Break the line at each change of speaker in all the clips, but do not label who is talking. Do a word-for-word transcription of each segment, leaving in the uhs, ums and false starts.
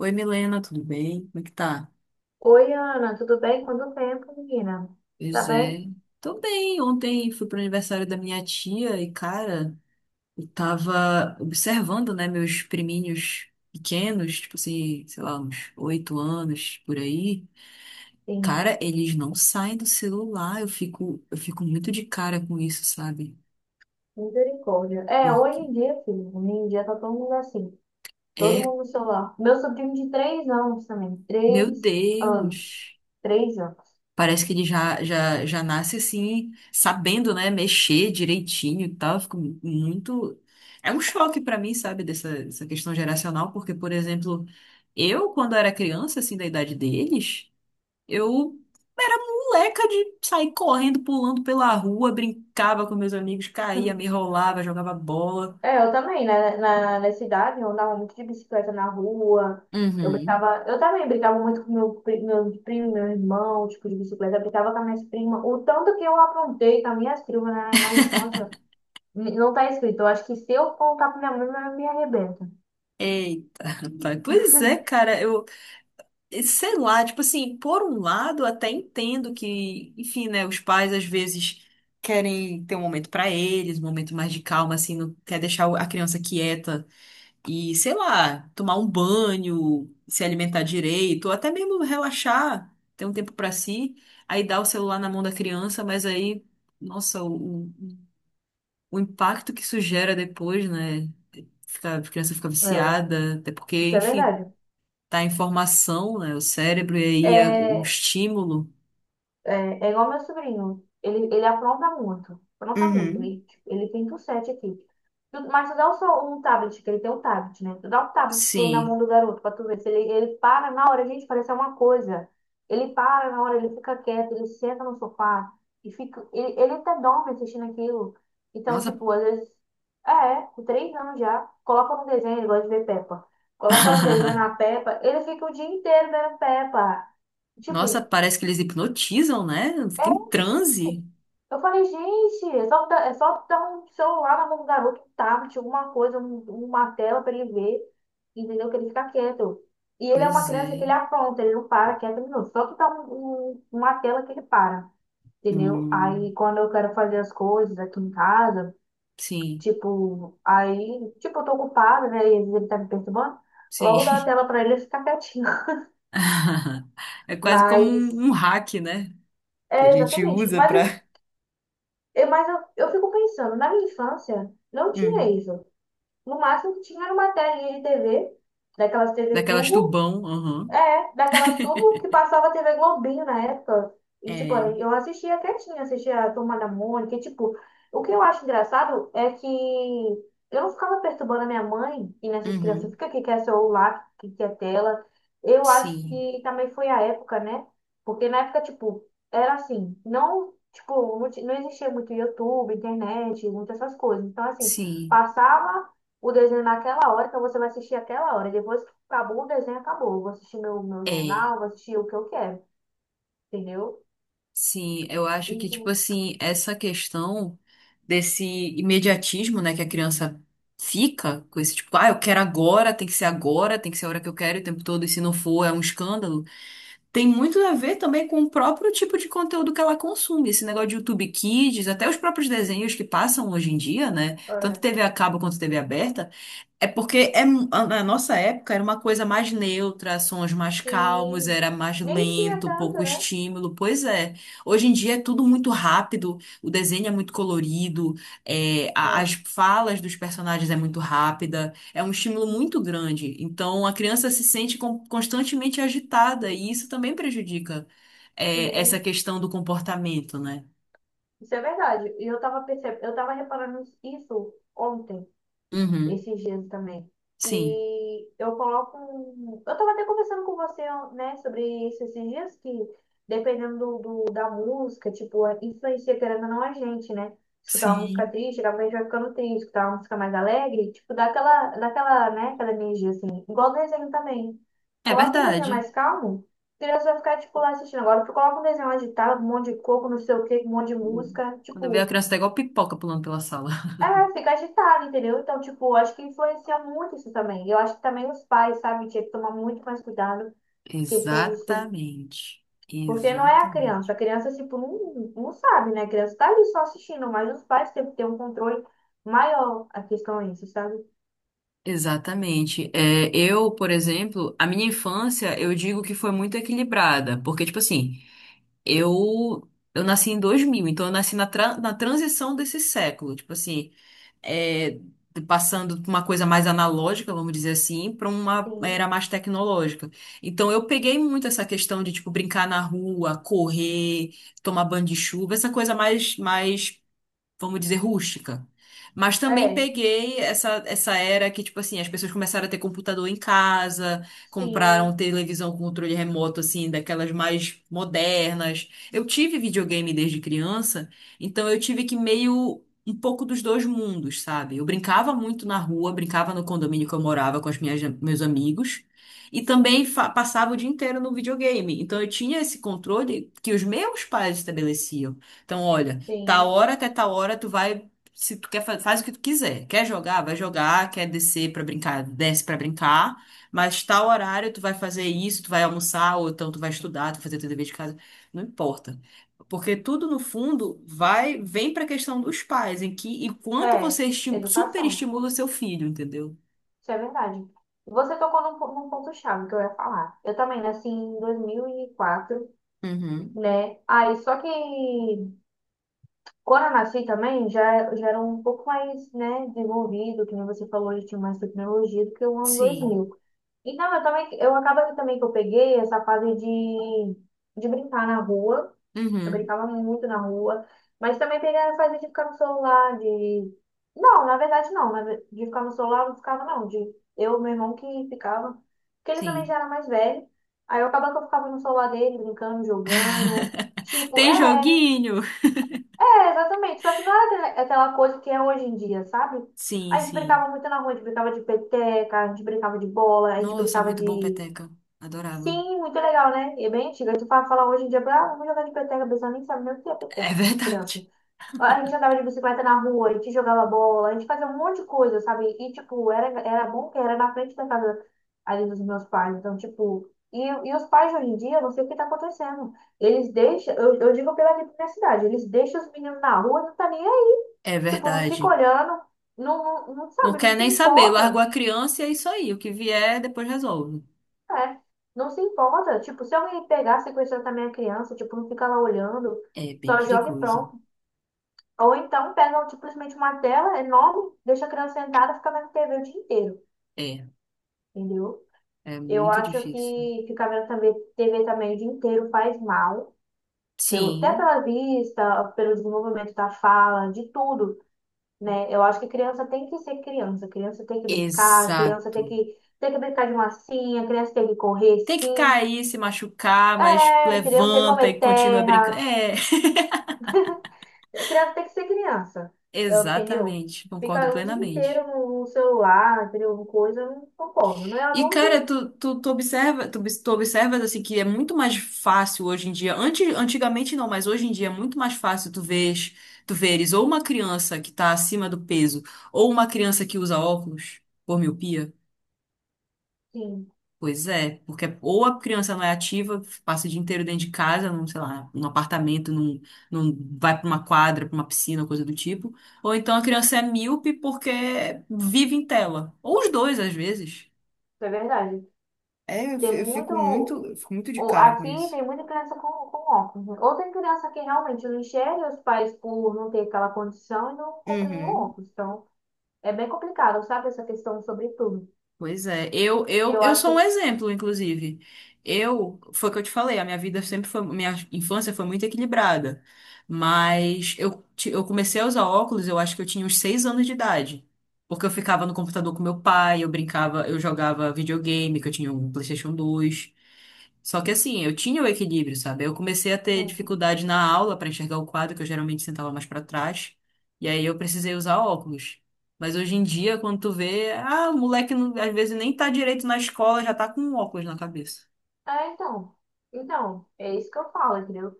Oi, Milena, tudo bem? Como é que tá?
Oi, Ana, tudo bem? Quanto tempo, menina? Tá
Pois
bem?
é. Tô bem. Ontem fui pro aniversário da minha tia e, cara, eu tava observando, né, meus priminhos pequenos, tipo assim, sei lá, uns oito anos por aí.
Sim,
Cara, eles não saem do celular. Eu fico, eu fico muito de cara com isso, sabe?
misericórdia. É, hoje
Porque
em dia, filho, hoje em dia tá todo mundo assim, todo
é,
mundo no celular. Meu sobrinho de três anos também,
meu
três anos,
Deus.
três anos.
Parece que ele já, já, já nasce assim, sabendo, né, mexer direitinho e tal. Eu fico muito. É um choque pra mim, sabe, dessa, dessa questão geracional, porque, por exemplo, eu, quando era criança, assim, da idade deles, eu era moleca de sair correndo, pulando pela rua, brincava com meus amigos, caía, me enrolava, jogava bola.
É, eu também, né? Na, na cidade, eu andava muito de bicicleta na rua, eu
Uhum.
brincava, eu também brincava muito com meu, pri- meu primo, meu irmão, tipo, de bicicleta, eu brincava com as minhas primas, o tanto que eu aprontei com as minhas primas na, na infância. Não tá escrito. Eu acho que se eu contar pra minha mãe, minha mãe me arrebenta.
Eita, rapaz. Pois é, cara, eu. Sei lá, tipo assim, por um lado, até entendo que, enfim, né, os pais às vezes querem ter um momento pra eles, um momento mais de calma, assim, não quer deixar o- a criança quieta e, sei lá, tomar um banho, se alimentar direito, ou até mesmo relaxar, ter um tempo pra si, aí dá o celular na mão da criança, mas aí, nossa, o, o o impacto que isso gera depois, né? Fica, a criança fica
É,
viciada, até porque,
isso é
enfim,
verdade.
tá em formação, né? O cérebro, e aí é o
É,
estímulo.
É, é igual meu sobrinho. Ele, ele apronta muito. Apronta muito.
Uhum.
Ele, tipo, ele pinta o sete aqui. Tu- Mas tu dá o seu, um tablet, que ele tem um tablet, né? Tu dá o tablet pro, na
Sim.
mão do garoto pra tu ver se ele, ele para na hora, gente, parece uma coisa. Ele para na hora, ele fica quieto, ele senta no sofá e fica. Ele, ele até dorme assistindo aquilo. Então,
Nossa.
tipo, às vezes. É, com três anos já. Coloca no desenho, ele gosta de ver Peppa. Coloca no desenho na Peppa, ele fica o dia inteiro vendo Peppa.
Nossa,
Tipo.
parece que eles hipnotizam, né? Fica em
é
transe.
eu falei, gente, é só, dar- é só dar um celular na mão do garoto, um tablet, alguma coisa, um- uma tela pra ele ver, entendeu? Que ele fica quieto. E ele é uma
Pois
criança que ele
é.
apronta, ele não para quieto, não. Só que dá um- um- uma tela que ele para, entendeu?
Hum,
Aí quando eu quero fazer as coisas aqui em casa,
sim,
tipo, aí, tipo, eu tô ocupada, né? E às vezes ele tá me perturbando,
sim.
logo dá a tela pra ele e ficar quietinho.
É quase como
Mas,
um, um hack, né? Que a
é
gente
exatamente.
usa
Mas, eu,
pra.
eu- mas eu, eu fico pensando, na minha infância, não tinha
Hum.
isso. No máximo que tinha era uma telinha de T V, daquelas T V
Daquelas
tubo,
tubão. Aham.
é, daquela tudo que passava T V Globinho na época. E, tipo,
É.
eu assistia quietinha, assistia a Turma da Mônica. E, tipo, o que eu acho engraçado é que eu não ficava perturbando a minha mãe e nessas crianças,
Uhum.
fica que quer celular, que quer tela. Eu acho
Sim,
que também foi a época, né? Porque na época, tipo, era assim, não, tipo, não, ti- não existia muito YouTube, internet, muitas essas coisas. Então, assim,
sim.
passava o desenho naquela hora, então você vai assistir aquela hora. Depois acabou o desenho, acabou. Eu vou assistir meu, meu
É.
jornal, vou assistir o que eu quero, entendeu?
Sim, eu
E,
acho que, tipo assim, essa questão desse imediatismo, né, que a criança fica com esse tipo, ah, eu quero agora, tem que ser agora, tem que ser a hora que eu quero o tempo todo, e se não for, é um escândalo. Tem muito a ver também com o próprio tipo de conteúdo que ela consome. Esse negócio de YouTube Kids, até os próprios desenhos que passam hoje em dia, né, tanto
é,
T V a cabo quanto T V aberta. É porque é, mu- a- na nossa época era uma coisa mais neutra, sons mais calmos,
sim,
era mais
nem tinha
lento,
tanto,
pouco
né?
estímulo. Pois é. Hoje em dia é tudo muito rápido, o desenho é muito colorido, é, a-
É,
as falas dos personagens é muito rápida, é um estímulo muito grande. Então a criança se sente con- constantemente agitada e isso também prejudica, é, essa
sim,
questão do comportamento, né?
isso é verdade. E eu tava percebendo, eu tava reparando isso ontem,
Uhum,
esses dias também.
sim.
E eu coloco. um- Eu tava até conversando com você, né, sobre isso esses dias, que dependendo do, do- da música, tipo, a- influencia querendo ou não a gente, né? Escutar uma música
Sim.
triste, acaba a gente vai ficando triste, escutar uma música mais alegre, tipo, dá aquela, dá aquela, né, aquela energia assim. Igual o desenho também.
É
Coloca um desenho
verdade.
mais calmo, a criança vai ficar, tipo, lá assistindo. Agora, tu coloca um desenho agitado, um monte de coco, não sei o quê, um monte de
Hum.
música,
Quando eu vi a
tipo.
criança, tá igual pipoca pulando pela sala.
É, fica agitado, entendeu? Então, tipo, acho que influencia muito isso também. Eu acho que também os pais, sabe, tinha que tomar muito mais cuidado com questão disso.
Exatamente.
Porque não é a criança. A
Exatamente.
criança, tipo, não, não sabe, né? A criança tá ali só assistindo, mas os pais têm que ter um controle maior, a questão é isso, sabe?
Exatamente. É, eu, por exemplo, a minha infância, eu digo que foi muito equilibrada, porque, tipo assim, Eu, eu nasci em dois mil, então eu nasci na, tra- na transição desse século, tipo assim, é, passando de uma coisa mais analógica, vamos dizer assim, para uma
Sim.
era mais tecnológica. Então eu peguei muito essa questão de, tipo, brincar na rua, correr, tomar banho de chuva, essa coisa mais, mais, vamos dizer, rústica. Mas também
É,
peguei essa, essa era que, tipo assim, as pessoas começaram a ter computador em casa, compraram
sim,
televisão com controle remoto, assim, daquelas mais modernas. Eu tive videogame desde criança, então eu tive que meio. Um pouco dos dois mundos, sabe? Eu brincava muito na rua, brincava no condomínio que eu morava com as minhas, meus amigos, e também fa- passava o dia inteiro no videogame. Então eu tinha esse controle que os meus pais estabeleciam. Então, olha. Tal
sim.
hora até tal hora tu vai, se tu quer, fa- faz o que tu quiser. Quer jogar, vai jogar, quer descer pra brincar, desce pra brincar, mas tal horário tu vai fazer isso, tu vai almoçar, ou então tu vai estudar, tu vai fazer teu dever de casa, não importa. Porque tudo no fundo vai, vem pra questão dos pais, em que e quanto
É,
você esti-
educação.
superestimula o seu filho, entendeu?
Isso é verdade. Você tocou num, po- num ponto-chave que eu ia falar. Eu também nasci em dois mil e quatro,
Uhum.
né? Aí, só que Coranassi também já, já era um pouco mais, né, desenvolvido, que nem você falou, já tinha mais tecnologia do que o ano
Sim.
dois mil. Então, eu também, eu acaba que também que eu peguei essa fase de, de brincar na rua. Eu
Uhum.
brincava muito na rua, mas também peguei a fase de ficar no celular, de... Não, na verdade não, na ve- de ficar no celular eu não ficava não, de eu, meu irmão que ficava, porque ele também
Sim.
já era mais velho. Aí eu acabava que eu ficava no celular dele, brincando, jogando, tipo,
Tem
é,
joguinho.
é, exatamente. Só que não era aquela aquela coisa que é hoje em dia, sabe?
Sim,
A gente
sim.
brincava muito na rua, a gente brincava de peteca, a gente brincava de bola, a gente
Nossa,
brincava
muito bom,
de.
peteca. Adorava.
Sim, muito legal, né? E é bem antiga. Tu fala, fala hoje em dia, ah, vamos jogar de peteca, a pessoa nem sabe nem o que é
É
peteca,
verdade.
criança. A gente andava de bicicleta na rua, a gente jogava bola, a gente fazia um monte de coisa, sabe? E, tipo, era, era bom que era na frente da casa ali dos meus pais. Então, tipo, e, e os pais de hoje em dia, eu não sei o que tá acontecendo. Eles deixam, eu, eu digo pela aqui da cidade, eles deixam os meninos na rua, não tá nem aí.
É
Tipo, não fica
verdade.
olhando, não, não, não
Não
sabe, não
quer
se
nem saber, largou
importa.
a criança e é isso aí. O que vier, depois resolve.
É, não se importa. Tipo, se alguém pegar, sequestrar também a criança, tipo, não fica lá olhando,
É bem
só joga e
perigoso.
pronto. Ou então pegam tipo, simplesmente uma tela enorme, deixa a criança sentada e fica vendo T V o dia inteiro,
É,
entendeu?
é
Eu
muito
acho
difícil.
que ficar vendo também T V também o dia inteiro faz mal, pelo, até
Sim,
pela vista, pelo desenvolvimento da fala, de tudo, né? Eu acho que criança tem que ser criança, criança tem que brincar, criança tem
exato.
que, tem que brincar de massinha, criança tem que correr
Tem que
sim,
cair, se machucar, mas
é, entendeu? Tem que
levanta e
comer
continua brincando.
terra,
É,
criança tem que ser criança, eu, entendeu?
exatamente. Concordo
Ficar o dia
plenamente.
inteiro no no celular, entendeu? No Coisa, eu não concordo. Não é
E,
adulto?
cara, tu, tu, tu observa, tu, obs- tu observas assim que é muito mais fácil hoje em dia. Antes, antigamente não, mas hoje em dia é muito mais fácil tu veres, tu veres ou uma criança que tá acima do peso, ou uma criança que usa óculos por miopia.
Sim,
Pois é, porque ou a criança não é ativa, passa o dia inteiro dentro de casa, num, sei lá, num apartamento, num, num, vai pra uma quadra, pra uma piscina, coisa do tipo. Ou então a criança é míope porque vive em tela. Ou os dois, às vezes.
isso é verdade.
É, eu fi-
Tem
eu fico
muito.
muito, eu fico muito de
o-
cara com
Aqui
isso.
tem muita criança com, com óculos, né? Ou tem criança que realmente não enxerga os pais por não ter aquela condição e não compra nenhum
Uhum.
óculos. Então, é bem complicado, sabe? Essa questão sobre tudo.
Pois é, eu, eu,
Eu
eu
acho
sou um
que.
exemplo, inclusive. Eu, foi o que eu te falei, a minha vida sempre foi, minha infância foi muito equilibrada. Mas eu, ti- eu comecei a usar óculos, eu acho que eu tinha uns seis anos de idade. Porque eu ficava no computador com meu pai, eu brincava, eu jogava videogame, que eu tinha um PlayStation dois. Só que assim, eu tinha o equilíbrio, sabe? Eu comecei a ter dificuldade na aula para enxergar o quadro, que eu geralmente sentava mais para trás. E aí eu precisei usar óculos. Mas hoje em dia, quando tu vê, ah, o moleque não- às vezes nem tá direito na escola, já tá com um óculos na cabeça.
É, então. Então, é isso que eu falo, entendeu?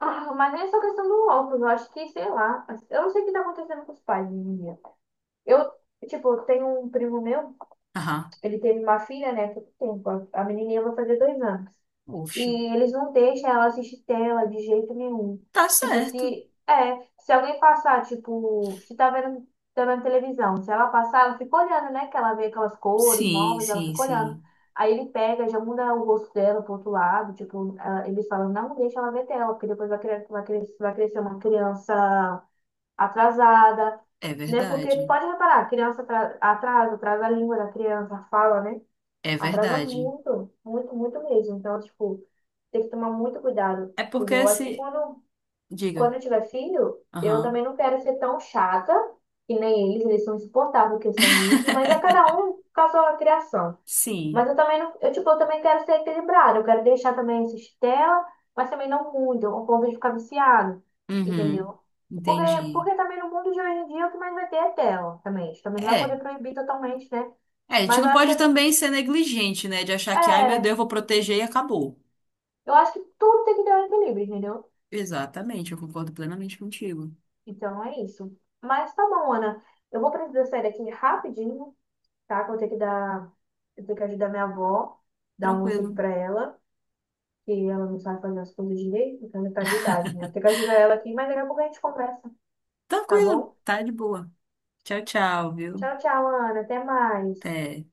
Ah, mas nem essa questão do óculos, eu acho que, sei lá, eu não sei o que tá acontecendo com os pais hoje em dia. Eu, tipo, eu tenho um primo meu,
Aham.
ele teve uma filha, né, há pouco tempo, a a menininha vai fazer dois anos.
Oxe.
E eles não deixam ela assistir tela de jeito nenhum.
Tá
Tipo,
certo.
se é, se alguém passar, tipo, se tá vendo, tá vendo televisão, se ela passar, ela fica olhando, né? Que ela vê aquelas cores
Sim,
novas, ela
sim,
fica olhando.
sim.
Aí ele pega, já muda o rosto dela pro outro lado, tipo, ela- eles falam, não deixa ela ver tela, porque depois vai cre- vai cre- vai crescer uma criança atrasada,
É
né? Porque
verdade.
pode reparar, criança atra- atrasa, atrasa a língua da criança, a fala, né?
É
Atrasa
verdade.
muito, muito, muito mesmo. Então, tipo, tem que tomar muito cuidado,
É porque
entendeu? Eu acho que
se.
quando,
Diga.
Quando eu tiver filho, eu
Aham.
também não quero ser tão chata, que nem eles, eles são insuportáveis em questão disso, mas é cada um com a sua criação.
Sim.
Mas eu também não, eu, tipo, eu também quero ser equilibrada, eu quero deixar também assistir tela, mas também não muito, ao ponto de ficar viciado,
Uhum.
entendeu? Porque,
Entendi.
Porque também no mundo de hoje em dia o que mais vai ter é tela também. A gente também não vai poder
É.
proibir totalmente, né?
É, a
Mas
gente
eu
não
acho
pode
que
também ser negligente, né? De achar que, ai meu Deus,
é,
eu vou proteger e acabou.
Eu acho que tudo tem que ter um equilíbrio, entendeu?
Exatamente, eu concordo plenamente contigo.
Então é isso. Mas tá bom, Ana. Eu vou precisar sair daqui rapidinho, tá? Que eu vou ter que dar. Eu tenho que ajudar minha avó, dar um almoço aqui
Tranquilo.
pra ela, que ela não sabe fazer as coisas direito, então ela tá de idade, né? Eu tenho que ajudar ela aqui, mas daqui a pouco a gente conversa, tá
Tranquilo,
bom?
tá de boa. Tchau, tchau, viu?
Tchau, tchau, Ana. Até mais.
Até.